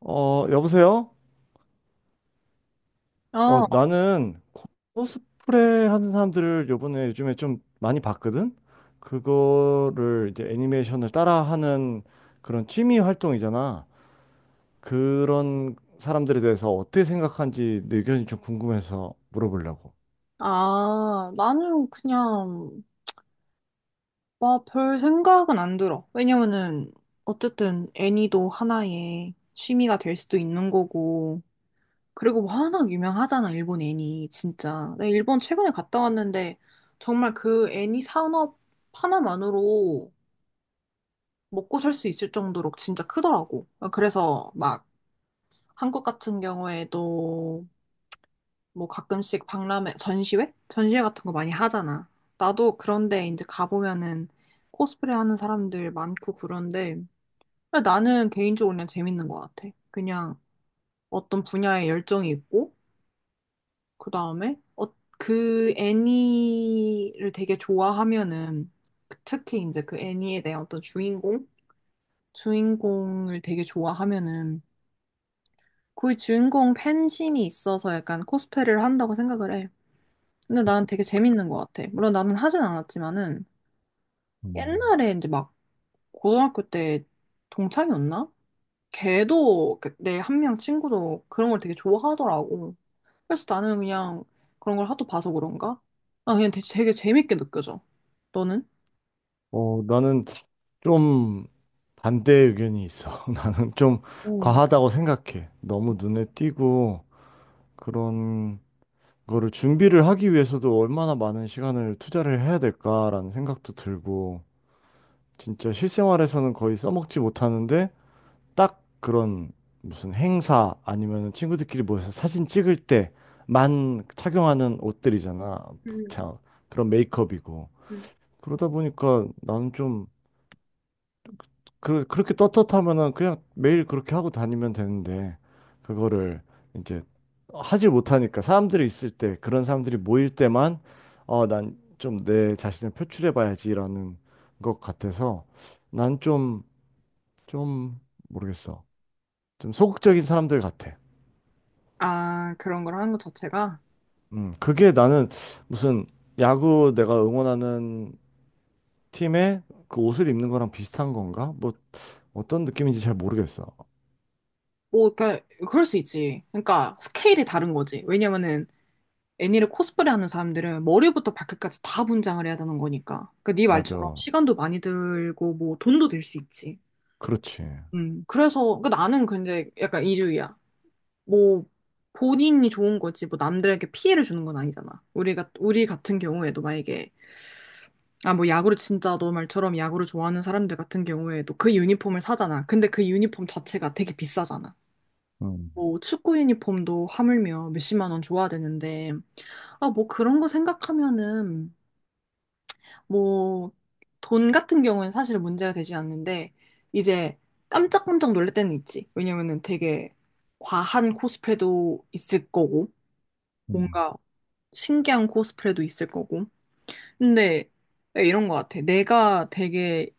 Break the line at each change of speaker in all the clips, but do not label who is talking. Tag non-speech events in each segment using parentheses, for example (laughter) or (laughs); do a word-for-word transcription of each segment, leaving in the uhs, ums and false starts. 어, 여보세요? 어,
어,
나는 코스프레 하는 사람들을 요번에 요즘에 좀 많이 봤거든? 그거를 이제 애니메이션을 따라하는 그런 취미 활동이잖아. 그런 사람들에 대해서 어떻게 생각하는지 내 의견이 좀 궁금해서 물어보려고.
아, 나는 그냥, 뭐, 별 생각은 안 들어. 왜냐면은, 어쨌든 애니도 하나의 취미가 될 수도 있는 거고. 그리고 워낙 유명하잖아, 일본 애니, 진짜. 나 일본 최근에 갔다 왔는데, 정말 그 애니 산업 하나만으로 먹고 살 수 있을 정도로 진짜 크더라고. 그래서 막, 한국 같은 경우에도 뭐 가끔씩 박람회, 전시회? 전시회 같은 거 많이 하잖아. 나도 그런데 이제 가보면은 코스프레 하는 사람들 많고 그런데 나는 개인적으로 그냥 재밌는 것 같아. 그냥 어떤 분야에 열정이 있고, 그 다음에 어, 그 애니를 되게 좋아하면은 그 특히 이제 그 애니에 대한 어떤 주인공? 주인공을 되게 좋아하면은 그 주인공 팬심이 있어서 약간 코스프레를 한다고 생각을 해. 근데 나는 되게 재밌는 것 같아. 물론 나는 하진 않았지만은
음,
옛날에 이제 막 고등학교 때 동창이었나? 걔도 그 내한 명 친구도 그런 걸 되게 좋아하더라고. 그래서 나는 그냥 그런 걸 하도 봐서 그런가? 아 그냥 되게, 되게 재밌게 느껴져. 너는?
어, 나는 좀 반대 의견이 있어. (laughs) 나는 좀
음,
과하다고 생각해. 너무 눈에 띄고 그런 그거를 준비를 하기 위해서도 얼마나 많은 시간을 투자를 해야 될까라는 생각도 들고, 진짜 실생활에서는 거의 써먹지 못하는데, 딱 그런 무슨 행사 아니면 친구들끼리 모여서 사진 찍을 때만 착용하는 옷들이잖아.
음,
자, 그런 메이크업이고.
음.
그러다 보니까 나는 좀 그, 그렇게 떳떳하면은 그냥 매일 그렇게 하고 다니면 되는데, 그거를 이제 하지 못하니까, 사람들이 있을 때, 그런 사람들이 모일 때만, 어, 난 좀 내 자신을 표출해 봐야지라는 것 같아서, 난 좀, 좀, 모르겠어. 좀 소극적인 사람들 같아.
아, 그런 걸 하는 것 자체가?
음, 그게 나는 무슨 야구 내가 응원하는 팀에 그 옷을 입는 거랑 비슷한 건가? 뭐, 어떤 느낌인지 잘 모르겠어.
뭐, 그러니까, 그럴 수 있지. 그러니까, 스케일이 다른 거지. 왜냐면은, 애니를 코스프레하는 사람들은 머리부터 발끝까지 다 분장을 해야 되는 거니까. 그러니까 네 말처럼
맞아.
시간도 많이 들고 뭐 돈도 들 수 있지.
그렇지.
음. 그래서 그 나는 근데 약간 이주의야. 뭐 본인이 좋은 거지 뭐 남들에게 피해를 주는 건 아니잖아. 우리가 우리 같은 경우에도 만약에 아 뭐 야구를 진짜 너 말처럼 야구를 좋아하는 사람들 같은 경우에도 그 유니폼을 사잖아. 근데 그 유니폼 자체가 되게 비싸잖아.
음.
뭐 축구 유니폼도 하물며 몇십만 원 줘야 되는데 아 뭐 그런 거 생각하면은 뭐, 돈 같은 경우는 사실 문제가 되지 않는데, 이제 깜짝깜짝 놀랄 때는 있지. 왜냐면은 되게 과한 코스프레도 있을 거고,
음,
뭔가 신기한 코스프레도 있을 거고. 근데 네, 이런 거 같아. 내가 되게,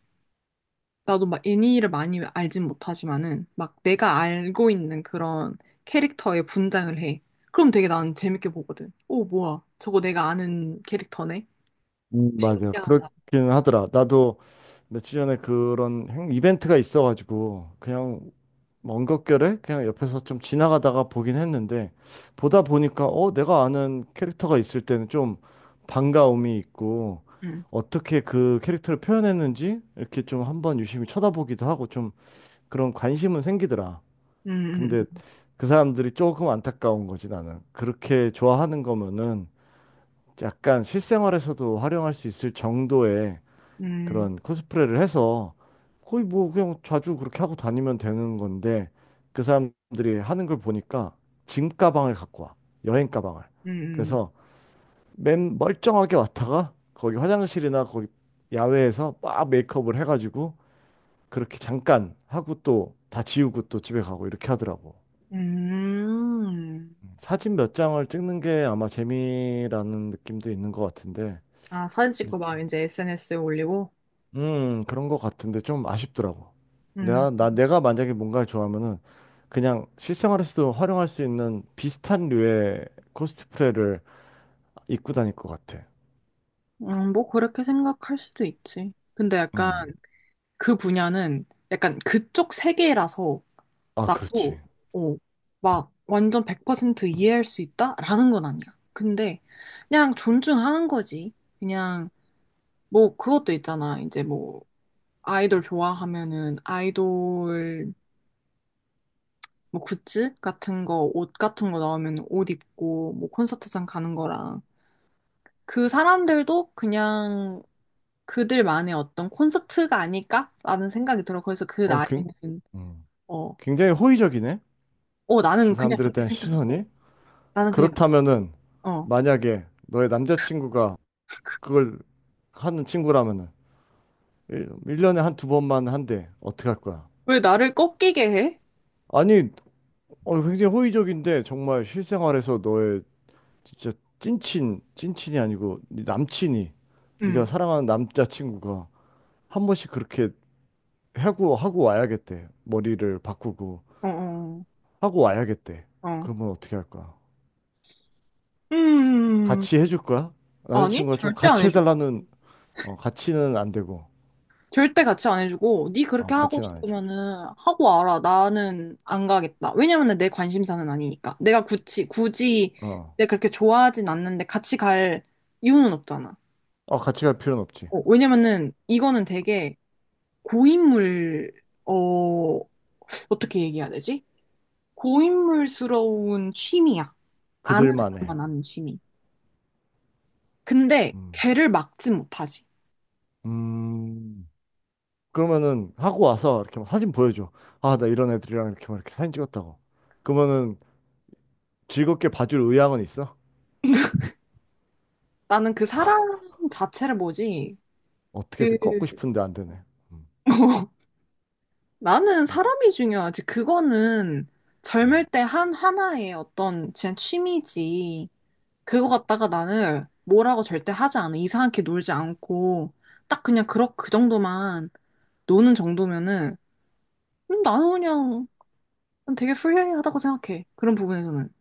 나도 막 애니를 많이 알진 못하지만은, 막 내가 알고 있는 그런 캐릭터의 분장을 해. 그럼 되게 나는 재밌게 보거든. 오, 뭐야. 저거 내가 아는 캐릭터네.
음, 맞아.
신기하다.
그렇긴 하더라. 나도 며칠 전에 그런 행- 이벤트가 있어가지고 그냥 먼 격결에 그냥 옆에서 좀 지나가다가 보긴 했는데 보다 보니까 어 내가 아는 캐릭터가 있을 때는 좀 반가움이 있고
응.
어떻게 그 캐릭터를 표현했는지 이렇게 좀 한번 유심히 쳐다보기도 하고 좀 그런 관심은 생기더라.
음,
근데
음,
그 사람들이 조금 안타까운 거지 나는. 그렇게 좋아하는 거면은 약간 실생활에서도 활용할 수 있을 정도의
음. 음.
그런 코스프레를 해서 거의 뭐 그냥 자주 그렇게 하고 다니면 되는 건데 그 사람들이 하는 걸 보니까 짐 가방을 갖고 와. 여행 가방을.
음,
그래서 맨 멀쩡하게 왔다가 거기 화장실이나 거기 야외에서 막 메이크업을 해가지고 그렇게 잠깐 하고 또 다 지우고 또 집에 가고 이렇게 하더라고.
음, 음.
사진 몇 장을 찍는 게 아마 재미라는 느낌도 있는 것 같은데
아, 사진
근데
찍고 막 이제 에스엔에스에 올리고?
음, 그런 것 같은데 좀 아쉽더라고.
음,
내가, 나, 내가 만약에 뭔가를 좋아하면은 그냥 실생활에서도 활용할 수 있는 비슷한 류의 코스프레를 입고 다닐 것 같아.
음, 뭐 그렇게 생각할 수도 있지. 근데 약간
음.
그 분야는 약간 그쪽 세계라서
아, 그렇지.
나도, 어, 막 완전 백 퍼센트 이해할 수 있다라는 건 아니야. 근데 그냥 존중하는 거지. 그냥 뭐 그것도 있잖아. 이제 뭐 아이돌 좋아하면은 아이돌 뭐 굿즈 같은 거, 옷 같은 거 나오면 옷 입고, 뭐 콘서트장 가는 거랑. 그 사람들도 그냥 그들만의 어떤 콘서트가 아닐까라는 생각이 들어. 그래서 그
어, 굉,
나이는,
음.
어,
굉장히 호의적이네.
어,
그
나는 그냥
사람들에
그렇게
대한
생각해.
시선이.
나는 그냥,
그렇다면은
어.
만약에 너의 남자친구가 그걸 하는 친구라면은 일 1년에 한 두 번만 한대. 어떻게 할 거야?
왜 나를 꺾이게 해?
아니, 어, 굉장히 호의적인데 정말 실생활에서 너의 진짜 찐친, 찐친이 아니고 네 남친이 네가
응.
사랑하는 남자친구가 한 번씩 그렇게 하고 하고 와야겠대. 머리를 바꾸고
어, 어,
하고 와야겠대.
어. 어.
그러면 어떻게 할 거야?
음,
같이 해줄 거야?
아니,
남자친구가 좀
절대 안
같이
해줘.
해달라는 어, 같이는 안 되고
절대 같이 안 해주고 네
어,
그렇게 하고
같이는 안 해줘.
싶으면은 하고 와라. 나는 안 가겠다. 왜냐면은 내 관심사는 아니니까. 내가 굳이 굳이
어,
내가 그렇게 좋아하진 않는데 같이 갈 이유는 없잖아.
어 같이 갈 필요는 없지.
어, 왜냐면은 이거는 되게 고인물 어 어떻게 얘기해야 되지? 고인물스러운 취미야. 아는
그들만의.
사람만 아는 취미. 근데
음.
걔를 막지 못하지.
음. 그러면은 하고 와서 이렇게 막 사진 보여줘. 아, 나 이런 애들이랑 이렇게 막 이렇게 사진 찍었다고. 그러면은 즐겁게 봐줄 의향은 있어?
나는 그 사람 자체를 뭐지? 그
어떻게든 꺾고 싶은데 안 되네. 음.
(laughs) 나는
음,
사람이 중요하지. 그거는
어,
젊을 때 한 하나의 어떤 그냥 취미지. 그거 갖다가 나는 뭐라고 절대 하지 않아. 이상하게 놀지 않고 딱 그냥 그렇 그 정도만 노는 정도면은 음, 나는 그냥 되게 프리하다고 생각해. 그런 부분에서는.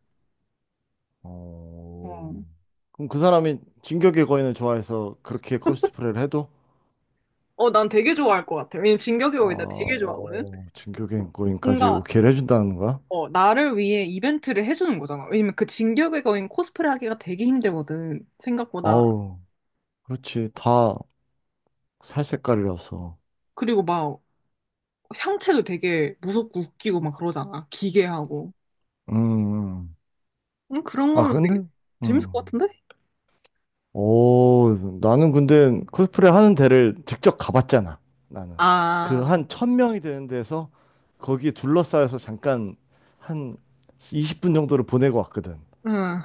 어,
어.
그럼 그 사람이 진격의 거인을 좋아해서 그렇게 코스프레를 해도
어, 난 되게 좋아할 것 같아. 왜냐면 진격의 거인 나 되게 좋아하거든.
어, 진격의 거인까지
뭔가
오케이를 해준다는 거야?
어, 나를 위해 이벤트를 해주는 거잖아. 왜냐면 그 진격의 거인 코스프레 하기가 되게 힘들거든. 생각보다.
아우, 그렇지. 다 살 색깔이라서.
그리고 막 형체도 되게 무섭고 웃기고 막 그러잖아. 기괴하고.
음. 음.
음, 그런
아,
거면 되게
근데?
재밌을 것
음.
같은데?
오, 나는 근데 코스프레 하는 데를 직접 가봤잖아. 나는 그
아,
한 천 명이 되는 데서 거기에 둘러싸여서 잠깐 한 이십 분 정도를 보내고 왔거든.
응.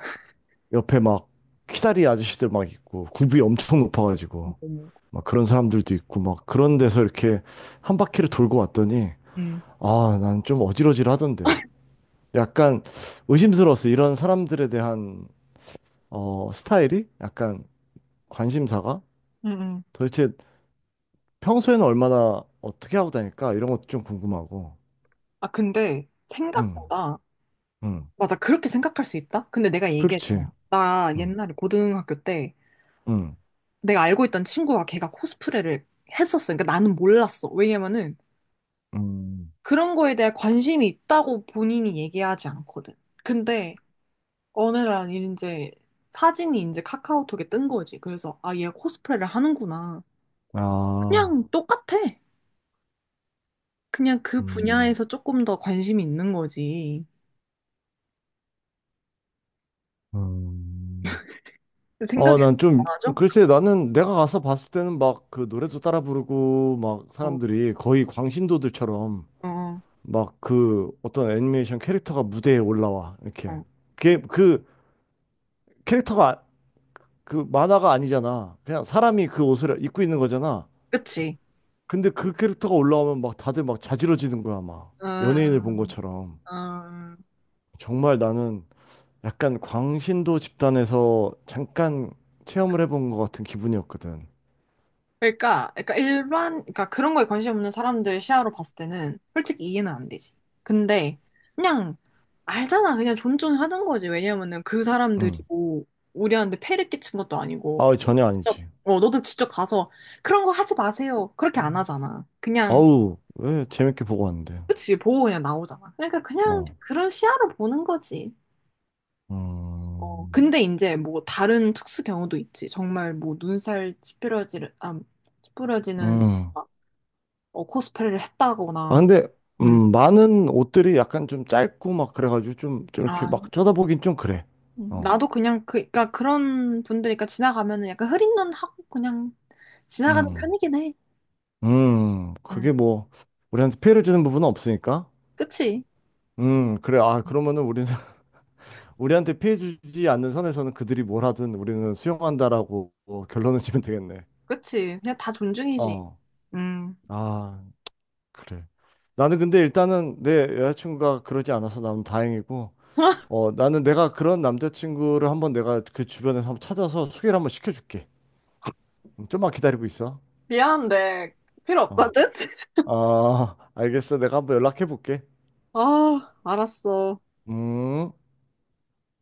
옆에 막 키다리 아저씨들 막 있고 굽이 엄청 높아가지고
음,
막 그런 사람들도 있고 막 그런 데서 이렇게 한 바퀴를 돌고 왔더니
음, 음.
아, 난 좀 어질어질하던데. 약간 의심스러웠어. 이런 사람들에 대한 어, 스타일이 약간 관심사가
음.
도대체 평소에는 얼마나 어떻게 하고 다닐까? 이런 것도 좀 궁금하고.
아, 근데
응.
생각보다,
응.
맞아, 그렇게 생각할 수 있다? 근데 내가
그렇지.
얘기했잖아. 나
응.
옛날에 고등학교 때
응.
내가 알고 있던 친구가 걔가 코스프레를 했었어. 그러니까 나는 몰랐어. 왜냐면은
음.
그런 거에 대해 관심이 있다고 본인이 얘기하지 않거든. 근데 어느 날 이제 사진이 이제 카카오톡에 뜬 거지. 그래서 아, 얘 코스프레를 하는구나.
아,
그냥 똑같아. 그냥 그
음.
분야에서 조금 더 관심이 있는 거지.
음. 어,
생각이
난
안
좀,
나죠?
글쎄, 나는 내가 가서 봤을 때는 막 그 노래도 따라 부르고, 막
어,
사람들이 거의 광신도들처럼
어,
막 그 어떤 애니메이션 캐릭터가 무대에 올라와. 이렇게.
어.
그게 그 캐릭터가 아- 그 만화가 아니잖아. 그냥 사람이 그 옷을 입고 있는 거잖아.
그치?
근데 그 캐릭터가 올라오면 막 다들 막 자지러지는 거야, 막.
어,
연예인을 본 것처럼.
어.
정말 나는 약간 광신도 집단에서 잠깐 체험을 해본 것 같은 기분이었거든.
그러니까, 그러니까 일반, 그러니까 그런 거에 관심 없는 사람들 시야로 봤을 때는 솔직히 이해는 안 되지. 근데 그냥 알잖아. 그냥 존중하는 거지. 왜냐면은 그 사람들이
응.
뭐 우리한테 폐를 끼친 것도 아니고.
아,
너
전혀
직접,
아니지.
어, 너도 직접 가서 그런 거 하지 마세요. 그렇게 안 하잖아. 그냥,
아우, 왜 재밌게 보고 왔는데.
그치, 보고 그냥 나오잖아. 그러니까 그냥
어.
그런 시야로 보는 거지. 어,
음.
근데 이제 뭐 다른 특수 경우도 있지. 정말 뭐 눈살 찌푸려지는, 아, 찌푸려지는
음.
막, 어, 코스프레를
아,
했다거나.
근데,
음.
음, 많은 옷들이 약간 좀 짧고 막 그래가지고 좀, 좀 이렇게
아,
막 쳐다보긴 좀 그래.
음,
어.
나도 그냥 그, 그러니까 그런 분들이니까 지나가면은 약간 흐린 눈 하고 그냥 지나가는
음.
편이긴 해.
음.
음,
그게 뭐, 우리한테 피해를 주는 부분은 없으니까.
그치?
음, 그래. 아, 그러면은 우리는 (laughs) 우리한테 피해 주지 않는 선에서는 그들이 뭘 하든 우리는 수용한다라고 뭐 결론을 지면 되겠네.
그치? 그냥 다 존중이지.
어.
음.
아, 그래. 나는 근데 일단은 내 여자친구가 그러지 않아서 나는 다행이고,
(laughs)
어, 나는 내가 그런 남자친구를 한번 내가 그 주변에서 한번 찾아서 소개를 한번 시켜줄게. 음, 좀만 기다리고 있어.
미안한데 필요
어.
없거든? (laughs)
아, 알겠어. 내가 한번 연락해 볼게.
아, 알았어.
음.